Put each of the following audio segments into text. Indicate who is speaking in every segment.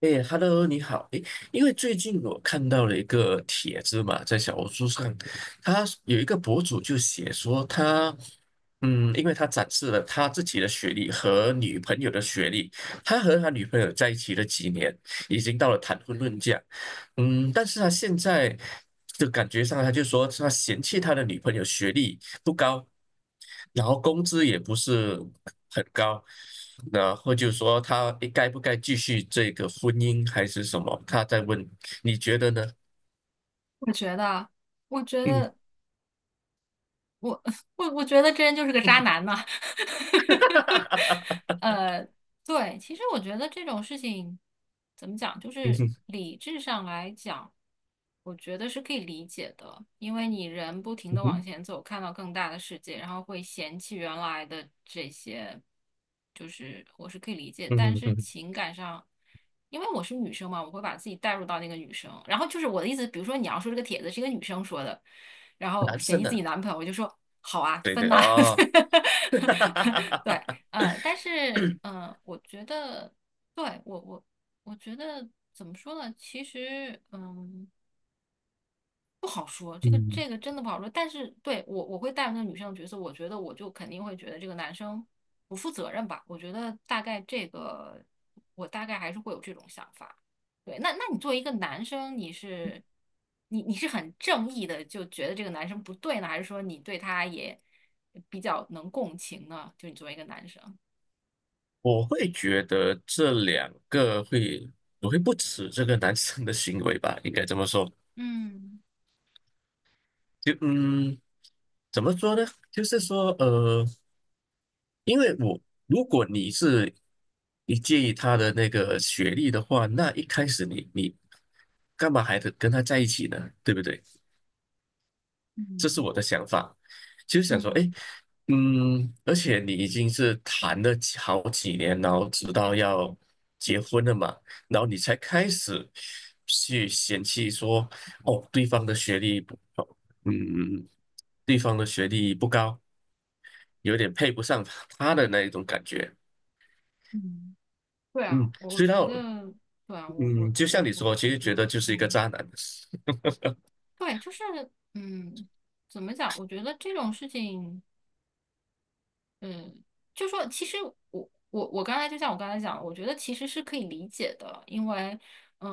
Speaker 1: 哎，Hello，你好。哎，因为最近我看到了一个帖子嘛，在小红书上，他有一个博主就写说他，因为他展示了他自己的学历和女朋友的学历，他和他女朋友在一起了几年，已经到了谈婚论嫁。但是他现在就感觉上，他就说他嫌弃他的女朋友学历不高，然后工资也不是很高，然后就说他该不该继续这个婚姻还是什么？他在问，你觉得呢？
Speaker 2: 我觉得，我觉
Speaker 1: 嗯。
Speaker 2: 得，我 我觉得这人就是个渣男呐。呃，对，其实我觉得这种事情怎么讲，就
Speaker 1: 嗯
Speaker 2: 是
Speaker 1: 哼。
Speaker 2: 理智上来讲，我觉得是可以理解的，因为你人不停
Speaker 1: 嗯
Speaker 2: 的往
Speaker 1: 哼。
Speaker 2: 前走，看到更大的世界，然后会嫌弃原来的这些，就是我是可以理解。
Speaker 1: 嗯
Speaker 2: 但
Speaker 1: 哼。
Speaker 2: 是
Speaker 1: 嗯哼。
Speaker 2: 情感上，因为我是女生嘛，我会把自己带入到那个女生。然后就是我的意思，比如说你要说这个帖子是一个女生说的，然 后
Speaker 1: 男
Speaker 2: 嫌
Speaker 1: 生
Speaker 2: 弃自己
Speaker 1: 的。
Speaker 2: 男朋友，我就说好啊，
Speaker 1: 对
Speaker 2: 分
Speaker 1: 对
Speaker 2: 呐。
Speaker 1: 哦。
Speaker 2: 对，但是，嗯，我觉得，对，我觉得怎么说呢？其实，嗯，不好说，这个
Speaker 1: 嗯
Speaker 2: 这个真的不好说。但是，对，我会带入那个女生的角色，我觉得我就肯定会觉得这个男生不负责任吧。我觉得大概这个，我大概还是会有这种想法。对，那你作为一个男生，你是很正义的，就觉得这个男生不对呢，还是说你对他也比较能共情呢？就你作为一个男生，
Speaker 1: 我会觉得这两个会，我会不耻这个男生的行为吧，应该这么说。
Speaker 2: 嗯。
Speaker 1: 就怎么说呢？就是说，因为我如果你介意他的那个学历的话，那一开始你干嘛还得跟他在一起呢？对不对？这是
Speaker 2: 嗯
Speaker 1: 我的想法，其实想说，哎，
Speaker 2: 嗯，
Speaker 1: 而且你已经是谈了好几年，然后直到要结婚了嘛，然后你才开始去嫌弃说，哦，对方的学历不，哦嗯，对方的学历不高，有点配不上他的那一种感觉。
Speaker 2: 嗯，对啊，
Speaker 1: 嗯，
Speaker 2: 我
Speaker 1: 所以
Speaker 2: 觉
Speaker 1: 到，
Speaker 2: 得，对啊，我
Speaker 1: 嗯，
Speaker 2: 我
Speaker 1: 就像
Speaker 2: 我
Speaker 1: 你
Speaker 2: 我
Speaker 1: 说，其
Speaker 2: 觉
Speaker 1: 实
Speaker 2: 得，
Speaker 1: 觉得就是一个
Speaker 2: 嗯，
Speaker 1: 渣男。
Speaker 2: 对，就是，嗯，怎么讲？我觉得这种事情。嗯，就说其实我我我刚才就像我刚才讲，我觉得其实是可以理解的，因为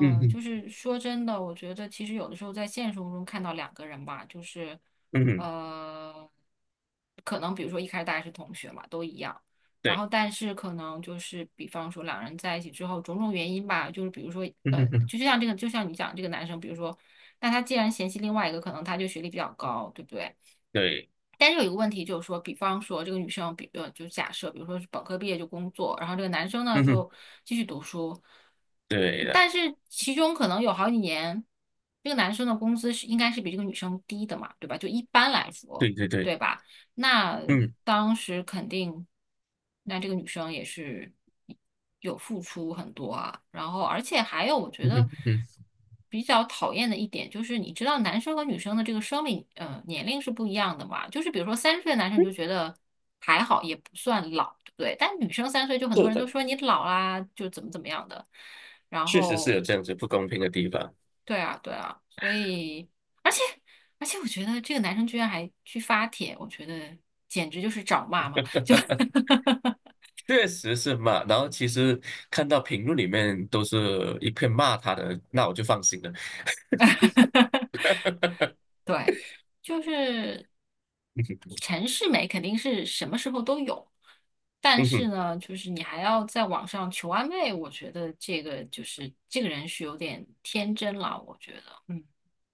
Speaker 1: 嗯
Speaker 2: 就
Speaker 1: 嗯。
Speaker 2: 是说真的，我觉得其实有的时候在现实生活中看到两个人吧，就是
Speaker 1: 嗯哼。
Speaker 2: 呃，可能比如说一开始大家是同学嘛，都一样，然后
Speaker 1: 对。
Speaker 2: 但是可能就是比方说两人在一起之后，种种原因吧，就是比如说
Speaker 1: 嗯哼哼。
Speaker 2: 就像这个，就像你讲这个男生，比如说那他既然嫌弃另外一个，可能他就学历比较高，对不对？
Speaker 1: 对。
Speaker 2: 但是有一个问题就是说，比方说这个女生，就假设，比如说是本科毕业就工作，然后这个男生呢
Speaker 1: 嗯哼。
Speaker 2: 就继续读书，
Speaker 1: 对的。
Speaker 2: 但是其中可能有好几年，这个男生的工资是应该是比这个女生低的嘛，对吧？就一般来说，
Speaker 1: 对对对。
Speaker 2: 对吧？那
Speaker 1: 嗯
Speaker 2: 当时肯定，那这个女生也是有付出很多啊。然后，而且还有，我觉
Speaker 1: 嗯
Speaker 2: 得
Speaker 1: 哼嗯。
Speaker 2: 比较讨厌的一点就是，你知道男生和女生的这个生理年龄是不一样的嘛？就是比如说30岁的男生你就觉得还好，也不算老，对不对？但女生3岁就很多
Speaker 1: 是
Speaker 2: 人都
Speaker 1: 的。
Speaker 2: 说你老啦，就怎么怎么样的。然
Speaker 1: 确实是
Speaker 2: 后
Speaker 1: 有这样子不公平的地方。
Speaker 2: 对啊，对啊，所以，而且，而且,我觉得这个男生居然还去发帖，我觉得简直就是找骂嘛！就，
Speaker 1: 确实是骂。然后其实看到评论里面都是一片骂他的，那我就放心了。
Speaker 2: 对，就是陈世美肯定是什么时候都有，但
Speaker 1: 嗯
Speaker 2: 是
Speaker 1: 哼。
Speaker 2: 呢，就是你还要在网上求安慰，我觉得这个就是这个人是有点天真了，我觉得，嗯，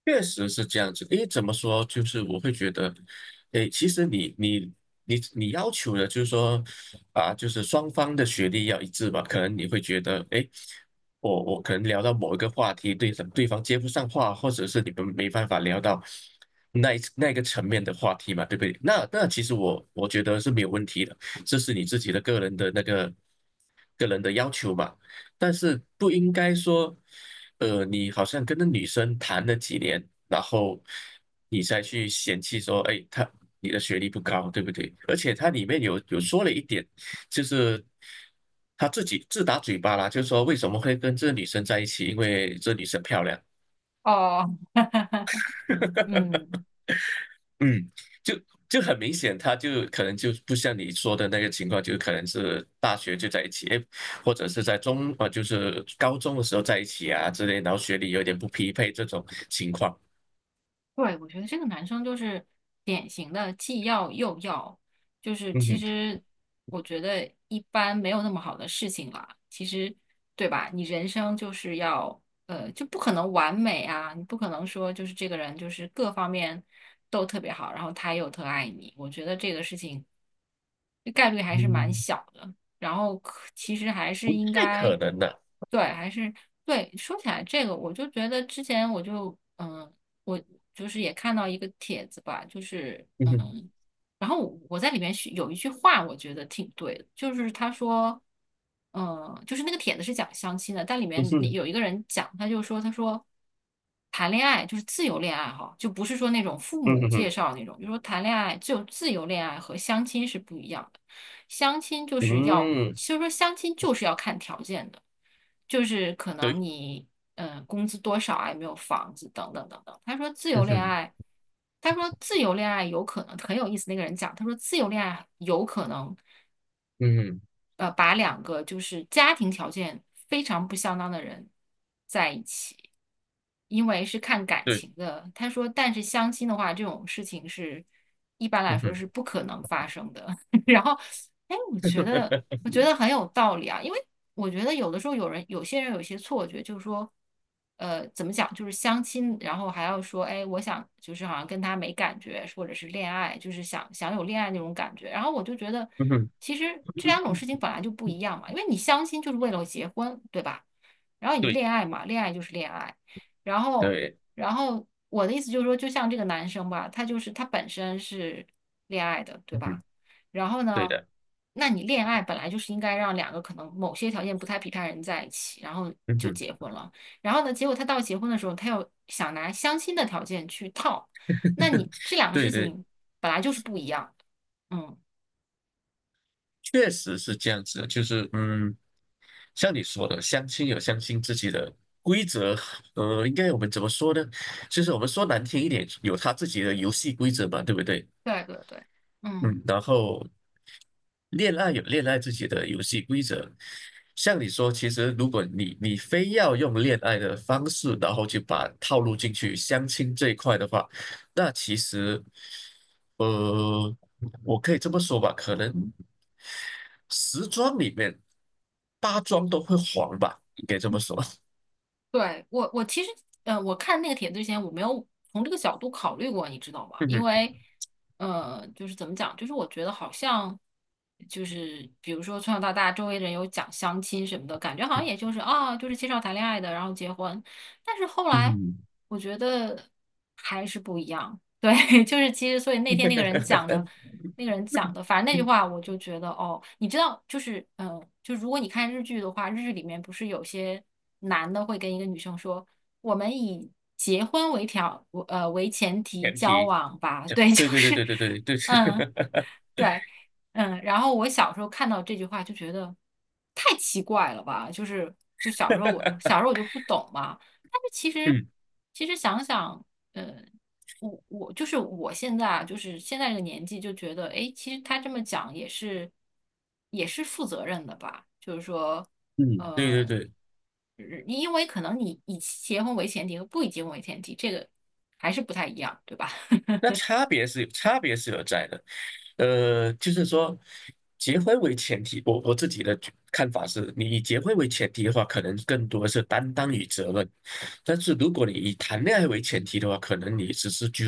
Speaker 1: 确实是这样子的，因为怎么说，就是我会觉得，诶，其实你要求的，就是说，啊，就是双方的学历要一致吧。可能你会觉得，诶，我可能聊到某一个话题，对方接不上话，或者是你们没办法聊到那个层面的话题嘛，对不对？那其实我觉得是没有问题的，这是你自己的个人的要求嘛。但是不应该说，你好像跟那女生谈了几年，然后你再去嫌弃说，哎，她你的学历不高，对不对？而且它里面有说了一点，就是他自己自打嘴巴啦，就是说为什么会跟这女生在一起，因为这女生漂亮。
Speaker 2: 哦，嗯。
Speaker 1: 嗯，就就很明显，他就可能就不像你说的那个情况，就可能是大学就在一起，诶或者是在中啊，就是高中的时候在一起啊之类，然后学历有点不匹配这种情况。
Speaker 2: 对，我觉得这个男生就是典型的既要又要，就是
Speaker 1: 嗯
Speaker 2: 其
Speaker 1: 哼。
Speaker 2: 实我觉得一般没有那么好的事情啦。其实，对吧？你人生就是要，就不可能完美啊，你不可能说就是这个人就是各方面都特别好，然后他又特爱你。我觉得这个事情这概率还是蛮
Speaker 1: 嗯，
Speaker 2: 小的。然后其实还是
Speaker 1: 不
Speaker 2: 应
Speaker 1: 太
Speaker 2: 该，
Speaker 1: 可能的。
Speaker 2: 对，还是对。说起来这个，我就觉得之前我就嗯。我就是也看到一个帖子吧，就是
Speaker 1: 嗯哼。
Speaker 2: 然后我在里面是有一句话，我觉得挺对的，就是他说，就是那个帖子是讲相亲的，但里
Speaker 1: 嗯
Speaker 2: 面
Speaker 1: 哼。
Speaker 2: 有一个人讲，他说谈恋爱就是自由恋爱哈，就不是说那种父
Speaker 1: 嗯
Speaker 2: 母
Speaker 1: 哼
Speaker 2: 介
Speaker 1: 哼。
Speaker 2: 绍那种，就说谈恋爱就自由恋爱和相亲是不一样的，相亲就是要，
Speaker 1: 嗯。
Speaker 2: 其实说相亲就是要看条件的。就是可能
Speaker 1: 对。
Speaker 2: 你工资多少啊，有没有房子等等等等。他说自由
Speaker 1: 嗯
Speaker 2: 恋
Speaker 1: 哼。
Speaker 2: 爱，他说自由恋爱有可能很有意思。那个人讲，他说自由恋爱有可能
Speaker 1: 嗯哼。
Speaker 2: 把两个就是家庭条件非常不相当的人在一起，因为是看感
Speaker 1: 对。
Speaker 2: 情的。他说，但是相亲的话，这种事情是一般来
Speaker 1: 嗯
Speaker 2: 说
Speaker 1: 哼。
Speaker 2: 是不可能发生的。然后，哎，我觉得。我觉得很有道理啊，因为我觉得有的时候有些人有一些错觉，就是说，怎么讲，就是相亲，然后还要说，哎，我想就是好像跟他没感觉，或者是恋爱，就是想想有恋爱那种感觉。然后我就觉得，
Speaker 1: 嗯哼。
Speaker 2: 其实这两种事情本来就不一样嘛，因为你相亲就是为了结婚，对吧？然后你
Speaker 1: 对。
Speaker 2: 恋爱嘛，恋爱就是恋爱。然后，
Speaker 1: 对。
Speaker 2: 然后,我的意思就是说，就像这个男生吧，他就是他本身是恋爱的，对
Speaker 1: 嗯
Speaker 2: 吧？
Speaker 1: 哼。
Speaker 2: 然后
Speaker 1: 对
Speaker 2: 呢，
Speaker 1: 的。
Speaker 2: 那你恋爱本来就是应该让两个可能某些条件不太匹配的人在一起，然后
Speaker 1: 嗯
Speaker 2: 就
Speaker 1: 哼。
Speaker 2: 结婚了。然后呢，结果他到结婚的时候，他又想拿相亲的条件去套，那 你这两个事
Speaker 1: 对对。
Speaker 2: 情本来就是不一样的。嗯，
Speaker 1: 确实是这样子的就是像你说的，相亲有相亲自己的规则，应该我们怎么说呢？就是我们说难听一点，有他自己的游戏规则嘛，对不对？
Speaker 2: 对对对，嗯。
Speaker 1: 嗯。然后恋爱有恋爱自己的游戏规则，像你说，其实如果你非要用恋爱的方式，然后去把套路进去相亲这一块的话，那其实，呃，我可以这么说吧，可能时装里面八桩都会黄吧，应该这么说。
Speaker 2: 对，我其实，我看那个帖子之前，我没有从这个角度考虑过，你知道吗？
Speaker 1: 嗯
Speaker 2: 因
Speaker 1: 哼
Speaker 2: 为，就是怎么讲，就是我觉得好像，就是比如说从小到大，周围人有讲相亲什么的，感觉好像也就是啊，就是介绍谈恋爱的，然后结婚。但是后来，
Speaker 1: 嗯
Speaker 2: 我觉得还是不一样。对，就是其实，所以那天那个人讲的，
Speaker 1: 哼。
Speaker 2: 反正那句话 我就觉得，哦，你知道，就是，就如果你看日剧的话，日剧里面不是有些男的会跟一个女生说，我们以结婚为前提
Speaker 1: 前
Speaker 2: 交
Speaker 1: 提。
Speaker 2: 往吧，对，就
Speaker 1: 对对对
Speaker 2: 是，
Speaker 1: 对对对对。
Speaker 2: 嗯。对，嗯，然后我小时候看到这句话就觉得太奇怪了吧，就是小时候我 小时候我就不懂嘛，但是其实
Speaker 1: 嗯
Speaker 2: 想想，嗯，我就是我现在啊，就是现在这个年纪就觉得，哎，其实他这么讲也是负责任的吧，就是说，
Speaker 1: 嗯。对对
Speaker 2: 嗯，
Speaker 1: 对。
Speaker 2: 因为可能你以结婚为前提和不以结婚为前提，这个还是不太一样，对吧？
Speaker 1: 那差别是有在的，就是说，结婚为前提，我自己的看法是，你以结婚为前提的话，可能更多是担当与责任，但是如果你以谈恋爱为前提的话，可能你只是就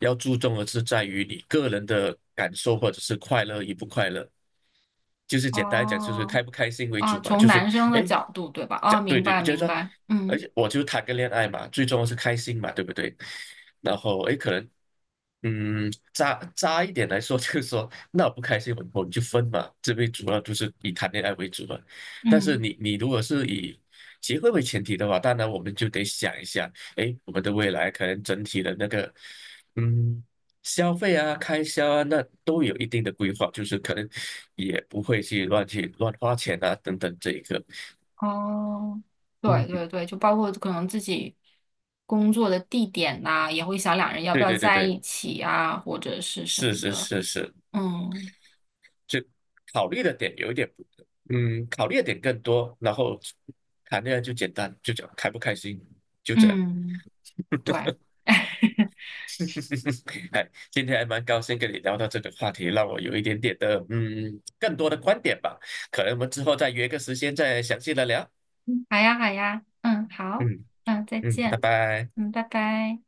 Speaker 1: 要注重的是在于你个人的感受或者是快乐与不快乐，就 是简单来讲，就是
Speaker 2: 哦，
Speaker 1: 开不开心为
Speaker 2: 啊，
Speaker 1: 主嘛。
Speaker 2: 从
Speaker 1: 就是
Speaker 2: 男生
Speaker 1: 哎，
Speaker 2: 的
Speaker 1: 诶
Speaker 2: 角度，对吧？啊，
Speaker 1: 对
Speaker 2: 明
Speaker 1: 对，
Speaker 2: 白
Speaker 1: 就是
Speaker 2: 明
Speaker 1: 说，
Speaker 2: 白，
Speaker 1: 而
Speaker 2: 嗯
Speaker 1: 且我就谈个恋爱嘛，最重要是开心嘛，对不对？然后哎，诶可能渣渣一点来说，就是说，那我不开心，我们就分嘛。这边主要就是以谈恋爱为主嘛。但是
Speaker 2: 嗯，
Speaker 1: 你如果是以结婚为前提的话，当然我们就得想一下，哎，我们的未来可能整体的那个，嗯，消费啊、开销啊，那都有一定的规划，就是可能也不会去乱花钱啊，等等这一个。
Speaker 2: 哦，对
Speaker 1: 嗯。
Speaker 2: 对对，就包括可能自己工作的地点呐，也会想两人要不
Speaker 1: 对
Speaker 2: 要
Speaker 1: 对对
Speaker 2: 在
Speaker 1: 对。
Speaker 2: 一起啊，或者是什么
Speaker 1: 是是
Speaker 2: 的，
Speaker 1: 是是。
Speaker 2: 嗯
Speaker 1: 就考虑的点有一点不，嗯，考虑的点更多，然后谈恋爱就简单，就讲开不开心，就这样。
Speaker 2: 嗯，对，哎，
Speaker 1: 哎，今天还蛮高兴跟你聊到这个话题，让我有一点点的更多的观点吧，可能我们之后再约个时间再详细的聊。
Speaker 2: 好呀好呀，嗯好，
Speaker 1: 嗯
Speaker 2: 嗯再
Speaker 1: 嗯，拜
Speaker 2: 见，
Speaker 1: 拜。
Speaker 2: 嗯拜拜。